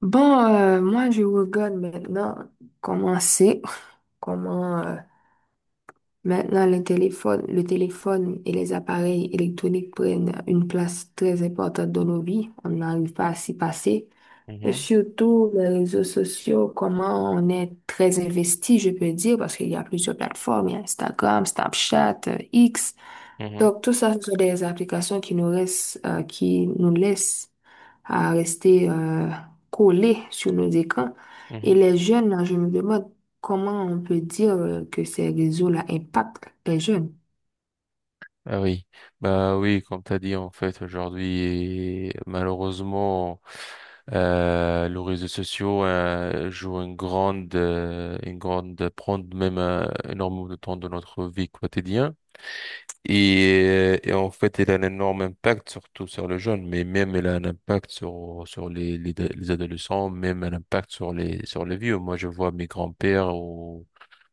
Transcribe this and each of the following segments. Moi, je regarde maintenant comment c'est, comment maintenant le téléphone et les appareils électroniques prennent une place très importante dans nos vies. On n'arrive pas à s'y passer. Et Mhm, surtout les réseaux sociaux, comment on est très investi, je peux dire, parce qu'il y a plusieurs plateformes, il y a Instagram, Snapchat, X. mhm, Donc, tout ça, ce sont des applications qui nous restent, qui nous laissent à rester collés sur nos écrans. mhm. Et les jeunes, là, je me demande comment on peut dire que ces réseaux-là impactent les jeunes. Ah oui, bah oui, comme t'as dit en fait aujourd'hui, malheureusement, les réseaux sociaux jouent une grande, prennent même énormément de temps de notre vie quotidienne et en fait, il a un énorme impact surtout sur les jeunes, mais même il a un impact sur les adolescents, même un impact sur les vieux. Moi, je vois mes grands-pères ou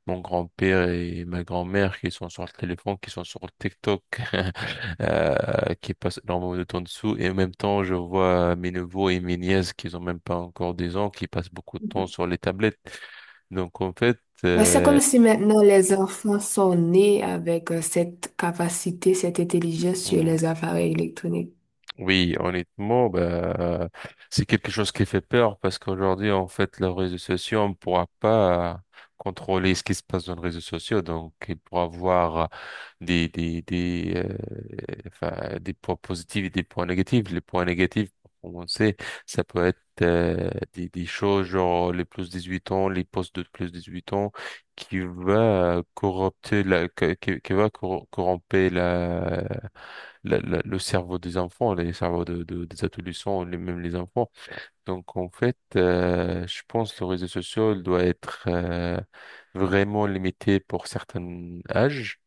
mon grand-père et ma grand-mère qui sont sur le téléphone, qui sont sur TikTok, qui passent énormément de temps dessous. Et en même temps, je vois mes neveux et mes nièces qui ont même pas encore des ans, qui passent beaucoup de temps sur les tablettes. Donc, en fait, Mais c'est euh, comme si maintenant les enfants sont nés avec cette capacité, cette intelligence sur hmm, les appareils électroniques. oui, honnêtement, bah, c'est quelque chose qui fait peur parce qu'aujourd'hui, en fait, les réseaux sociaux, on ne pourra pas contrôler ce qui se passe dans les réseaux sociaux. Donc, il pourra avoir des points positifs et des points négatifs. Les points négatifs, pour commencer, ça peut être des choses genre les plus 18 ans, les postes de plus 18 ans qui va corromper le cerveau des enfants, les cerveaux des adolescents, même les enfants. Donc en fait, je pense que le réseau social doit être vraiment limité pour certains âges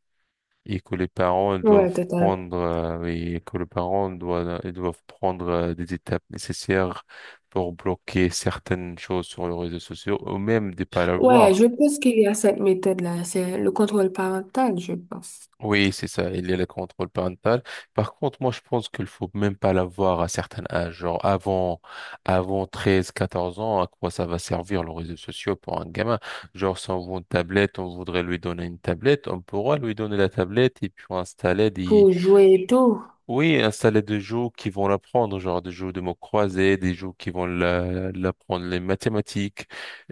et que les parents Ouais, doivent totalement. prendre et que les parents doivent, ils doivent prendre des étapes nécessaires pour bloquer certaines choses sur les réseaux sociaux ou même de pas Ouais, l'avoir. je pense qu'il y a cette méthode-là, c'est le contrôle parental, je pense, Oui, c'est ça, il y a le contrôle parental. Par contre, moi, je pense qu'il faut même pas l'avoir à certains âges, genre avant, 13, 14 ans, à quoi ça va servir les réseaux sociaux pour un gamin? Genre, si on veut une tablette, on voudrait lui donner une tablette, on pourra lui donner la tablette et puis installer, pour jouer tôt. oui, installer des jeux qui vont l'apprendre, genre des jeux de mots croisés, des jeux qui vont l'apprendre les mathématiques,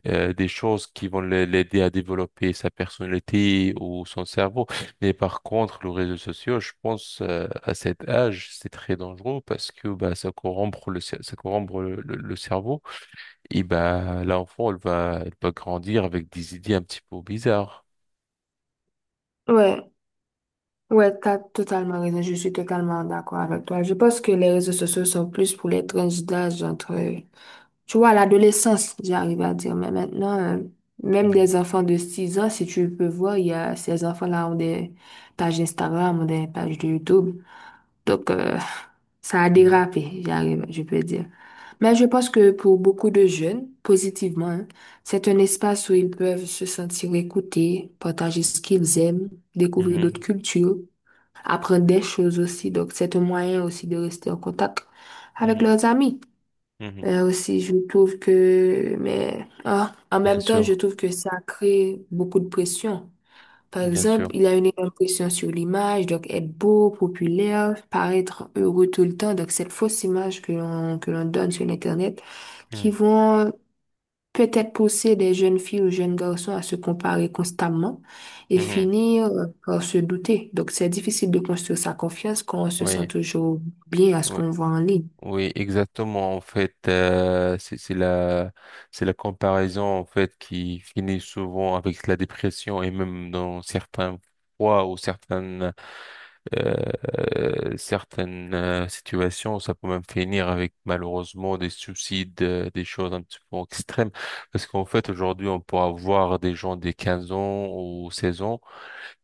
des choses qui vont l'aider à développer sa personnalité ou son cerveau. Mais par contre, le réseau social, je pense, à cet âge, c'est très dangereux parce que bah, ça corrompt le cerveau. Et bah, l'enfant, elle va grandir avec des idées un petit peu bizarres. Ouais, ouais, t'as totalement raison, je suis totalement d'accord avec toi. Je pense que les réseaux sociaux sont plus pour les tranches d'âge entre, tu vois, l'adolescence, j'arrive à dire, mais maintenant, même des enfants de 6 ans, si tu peux voir, il y a, ces enfants-là ont des pages Instagram, ont des pages de YouTube. Donc, ça a Mhm, dérapé, j'arrive, je peux dire. Mais je pense que pour beaucoup de jeunes, positivement, hein, c'est un espace où ils peuvent se sentir écoutés, partager ce qu'ils aiment, découvrir d'autres mhm, cultures, apprendre des choses aussi. Donc, c'est un moyen aussi de rester en contact avec mhm, leurs amis. mhm, mhm. Aussi, je trouve que, mais ah, en Bien même temps, je sûr, trouve que ça crée beaucoup de pression. Par bien exemple, sûr. il a une impression sur l'image, donc être beau, populaire, paraître heureux tout le temps. Donc, cette fausse image que l'on donne sur Internet, qui Mhm, vont peut-être pousser des jeunes filles ou jeunes garçons à se comparer constamment et mhm. finir par se douter. Donc, c'est difficile de construire sa confiance quand on se sent Oui, toujours bien à ce oui, qu'on voit en ligne. oui, exactement. En fait, c'est la comparaison en fait qui finit souvent avec la dépression et même dans certains fois ou certaines, certaines situations, ça peut même finir avec malheureusement des suicides, des choses un petit peu extrêmes. Parce qu'en fait, aujourd'hui, on peut avoir des gens de 15 ans ou 16 ans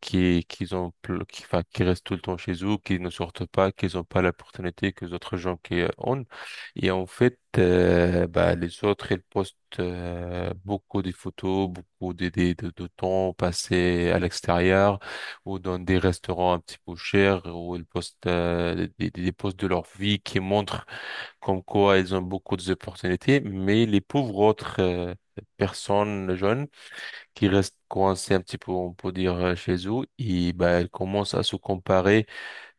qui ont, pl- qui, enfin, qui restent tout le temps chez eux, qui ne sortent pas, qui n'ont pas l'opportunité que les autres gens qui ont. Et en fait, bah, les autres, ils postent beaucoup de photos, beaucoup de temps passé à l'extérieur ou dans des restaurants un petit peu chers où ils postent des posts de leur vie qui montrent comme quoi ils ont beaucoup d'opportunités, mais les pauvres autres personnes jeunes, qui restent coincés un petit peu, on peut dire, chez eux, et bah, elles commencent à se comparer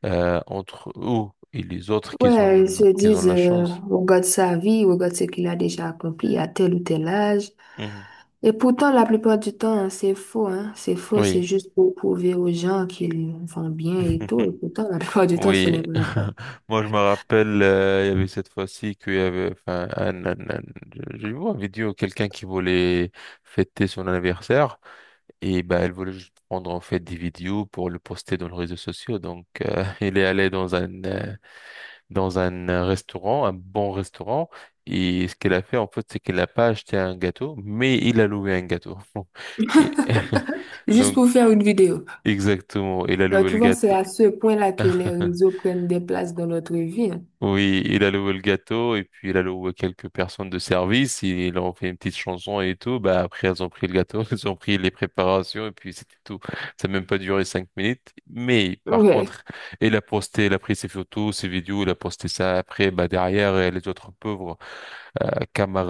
entre eux et les autres qui Ouais, ont, ils se qui ont disent, la chance. on regarde sa vie, on regarde ce qu'il a déjà accompli à tel ou tel âge. Mhm. Et pourtant, la plupart du temps, hein. C'est faux, Oui. c'est juste pour prouver aux gens qu'ils vont bien et tout. Et pourtant, la plupart du temps, ce Oui, n'est pas vrai. moi je me rappelle, il y avait cette fois-ci qu'il y avait, enfin, un- je- j'ai vu une vidéo, quelqu'un qui voulait fêter son anniversaire et bah elle voulait juste prendre en fait des vidéos pour le poster dans les réseaux sociaux. Donc il est allé dans dans un restaurant, un bon restaurant. Et ce qu'elle a fait, en fait, c'est qu'elle n'a pas acheté un gâteau, mais il a loué un gâteau. Et- Juste donc, pour faire une vidéo. exactement, il a Donc, loué tu le vois, c'est gâteau. à ce point-là que les réseaux prennent des places dans notre vie, hein. Oui, il a loué le gâteau et puis il a loué quelques personnes de service. Ils leur a fait une petite chanson et tout. Bah, après, elles ont pris le gâteau, elles ont pris les préparations et puis c'était tout. Ça n'a même pas duré 5 minutes. Mais par Ouais. contre, il a posté, il a pris ses photos, ses vidéos, il a posté ça après, bah, derrière, les autres pauvres euh,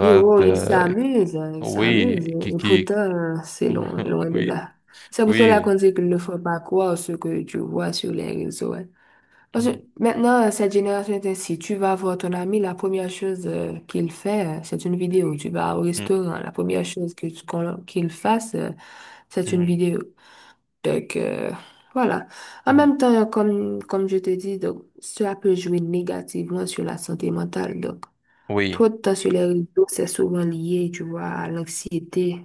Et oh, ils s'amusent, hein, ils oui, s'amusent. Et pourtant, c'est loin, loin de oui, là. C'est pour cela oui, qu'on dit qu'ils ne faut pas croire ce que tu vois sur les réseaux, hein. Parce que mm, maintenant, cette génération est ainsi. Tu vas voir ton ami, la première chose qu'il fait, c'est une vidéo. Tu vas au mm, restaurant, la première chose que tu- qu'on- qu'il fasse, c'est une mm, vidéo. Donc, voilà. En mm, même temps, comme je te dis, donc, cela peut jouer négativement sur la santé mentale. Donc, oui, trop de temps sur les réseaux, c'est souvent lié, tu vois, à l'anxiété,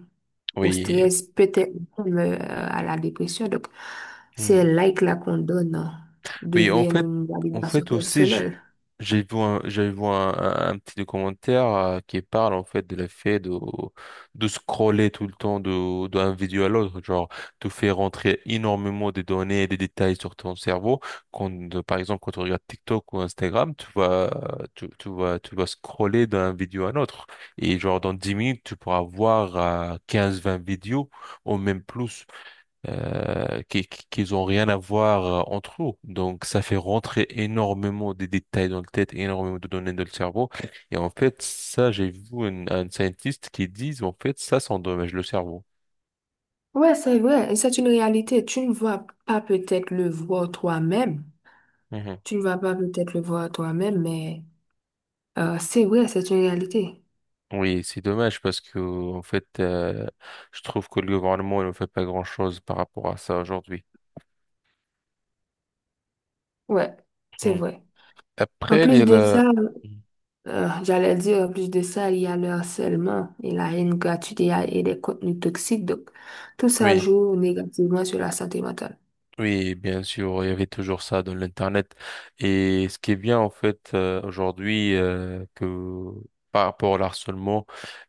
au oui. stress, peut-être même à la dépression. Donc, ces Mmh. likes-là qu'on donne Oui, deviennent une en validation fait aussi, j- personnelle. J'ai vu un petit documentaire qui parle en fait de l'effet de, scroller tout le temps d'un vidéo à l'autre, genre te faire rentrer énormément de données et des détails sur ton cerveau. Quand, par exemple, quand tu regardes TikTok ou Instagram, tu vas scroller d'un vidéo à l'autre. Et genre dans 10 minutes, tu pourras voir 15, 20 vidéos ou même plus qu'ils ont rien à voir entre eux. Donc, ça fait rentrer énormément de détails dans le tête, énormément de données dans le cerveau. Et en fait, ça, j'ai vu un scientiste qui dit, en fait, ça endommage le cerveau. Ouais, c'est vrai, et c'est une réalité. Tu ne vas pas peut-être le voir toi-même. Mhm. Tu ne vas pas peut-être le voir toi-même, mais c'est vrai, c'est une réalité. Oui, c'est dommage parce que, en fait, je trouve que le gouvernement ne fait pas grand-chose par rapport à ça aujourd'hui. Ouais, c'est Mhm. vrai. En Après, il y plus a de la. ça, Mhm. J'allais dire, en plus de ça, il y a le harcèlement et la haine gratuite et des contenus toxiques. Donc, tout ça Oui. joue négativement sur la santé mentale. Oui, bien sûr, il y avait toujours ça dans l'Internet. Et ce qui est bien, en fait, aujourd'hui, que par rapport à l'harcèlement,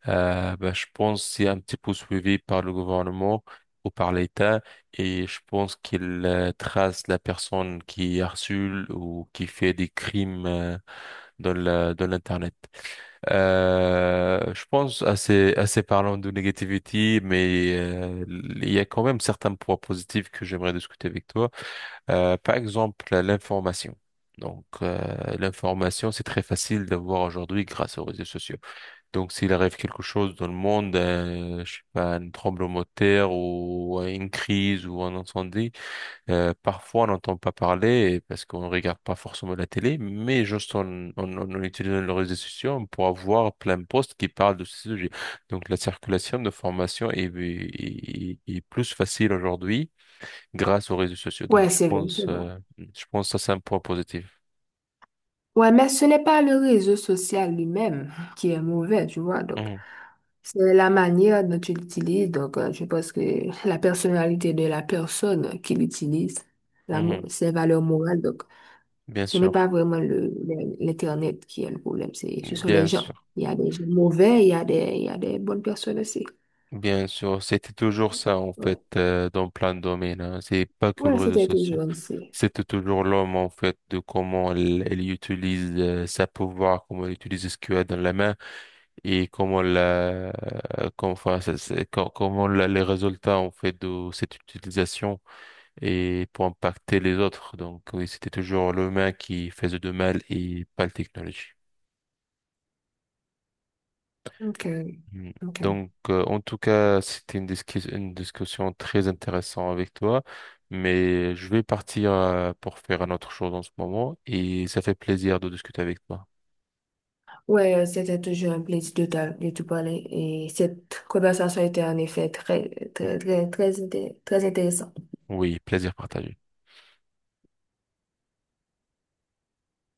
ben, je pense que c'est un petit peu suivi par le gouvernement ou par l'État. Et je pense qu'il trace la personne qui harcèle ou qui fait des crimes dans l'Internet. Je pense assez parlant de négativité, mais il y a quand même certains points positifs que j'aimerais discuter avec toi. Par exemple, l'information. Donc, l'information, c'est très facile d'avoir aujourd'hui grâce aux réseaux sociaux. Donc, s'il arrive quelque chose dans le monde, je sais pas, un tremblement de terre ou une crise ou un incendie, parfois on n'entend pas parler parce qu'on ne regarde pas forcément la télé, mais juste en utilisant les réseaux sociaux, on pourra voir plein de posts qui parlent de ce sujet. Donc, la circulation de formation est plus facile aujourd'hui grâce aux réseaux sociaux. Donc, Ouais, je c'est vrai, pense, c'est vrai. euh, je pense que ça, c'est un point positif. Ouais, mais ce n'est pas le réseau social lui-même qui est mauvais, tu vois. Donc, Mhm, c'est la manière dont tu l'utilises. Donc, je pense que la personnalité de la personne qui l'utilise, mhm. Ses valeurs morales. Donc, Bien ce n'est pas sûr, vraiment l'Internet qui est le problème. C'est, ce sont les bien sûr, gens. Il y a des gens mauvais, il y a il y a des bonnes personnes aussi. bien sûr. C'était toujours ça, en fait, dans plein de domaines. Hein. C'est pas que le Ouais, réseau c'était social. toujours ainsi. C'était toujours l'homme, en fait, de comment elle utilise sa pouvoir, comment elle utilise ce qu'elle a dans la main et comment la, comment, enfin, ça- c'est- co- comment les résultats, en fait, de cette utilisation. Et pour impacter les autres. Donc oui, c'était toujours l'humain qui faisait de mal et pas la technologie. Ok, Mm. ok. Donc en tout cas, c'était une une discussion très intéressante avec toi, mais je vais partir pour faire un autre chose en ce moment et ça fait plaisir de discuter avec toi. Ouais, c'était toujours un plaisir de de te parler et cette conversation était en effet très, Mm. très, très, très, inté- très intéressante. Oui, plaisir partagé.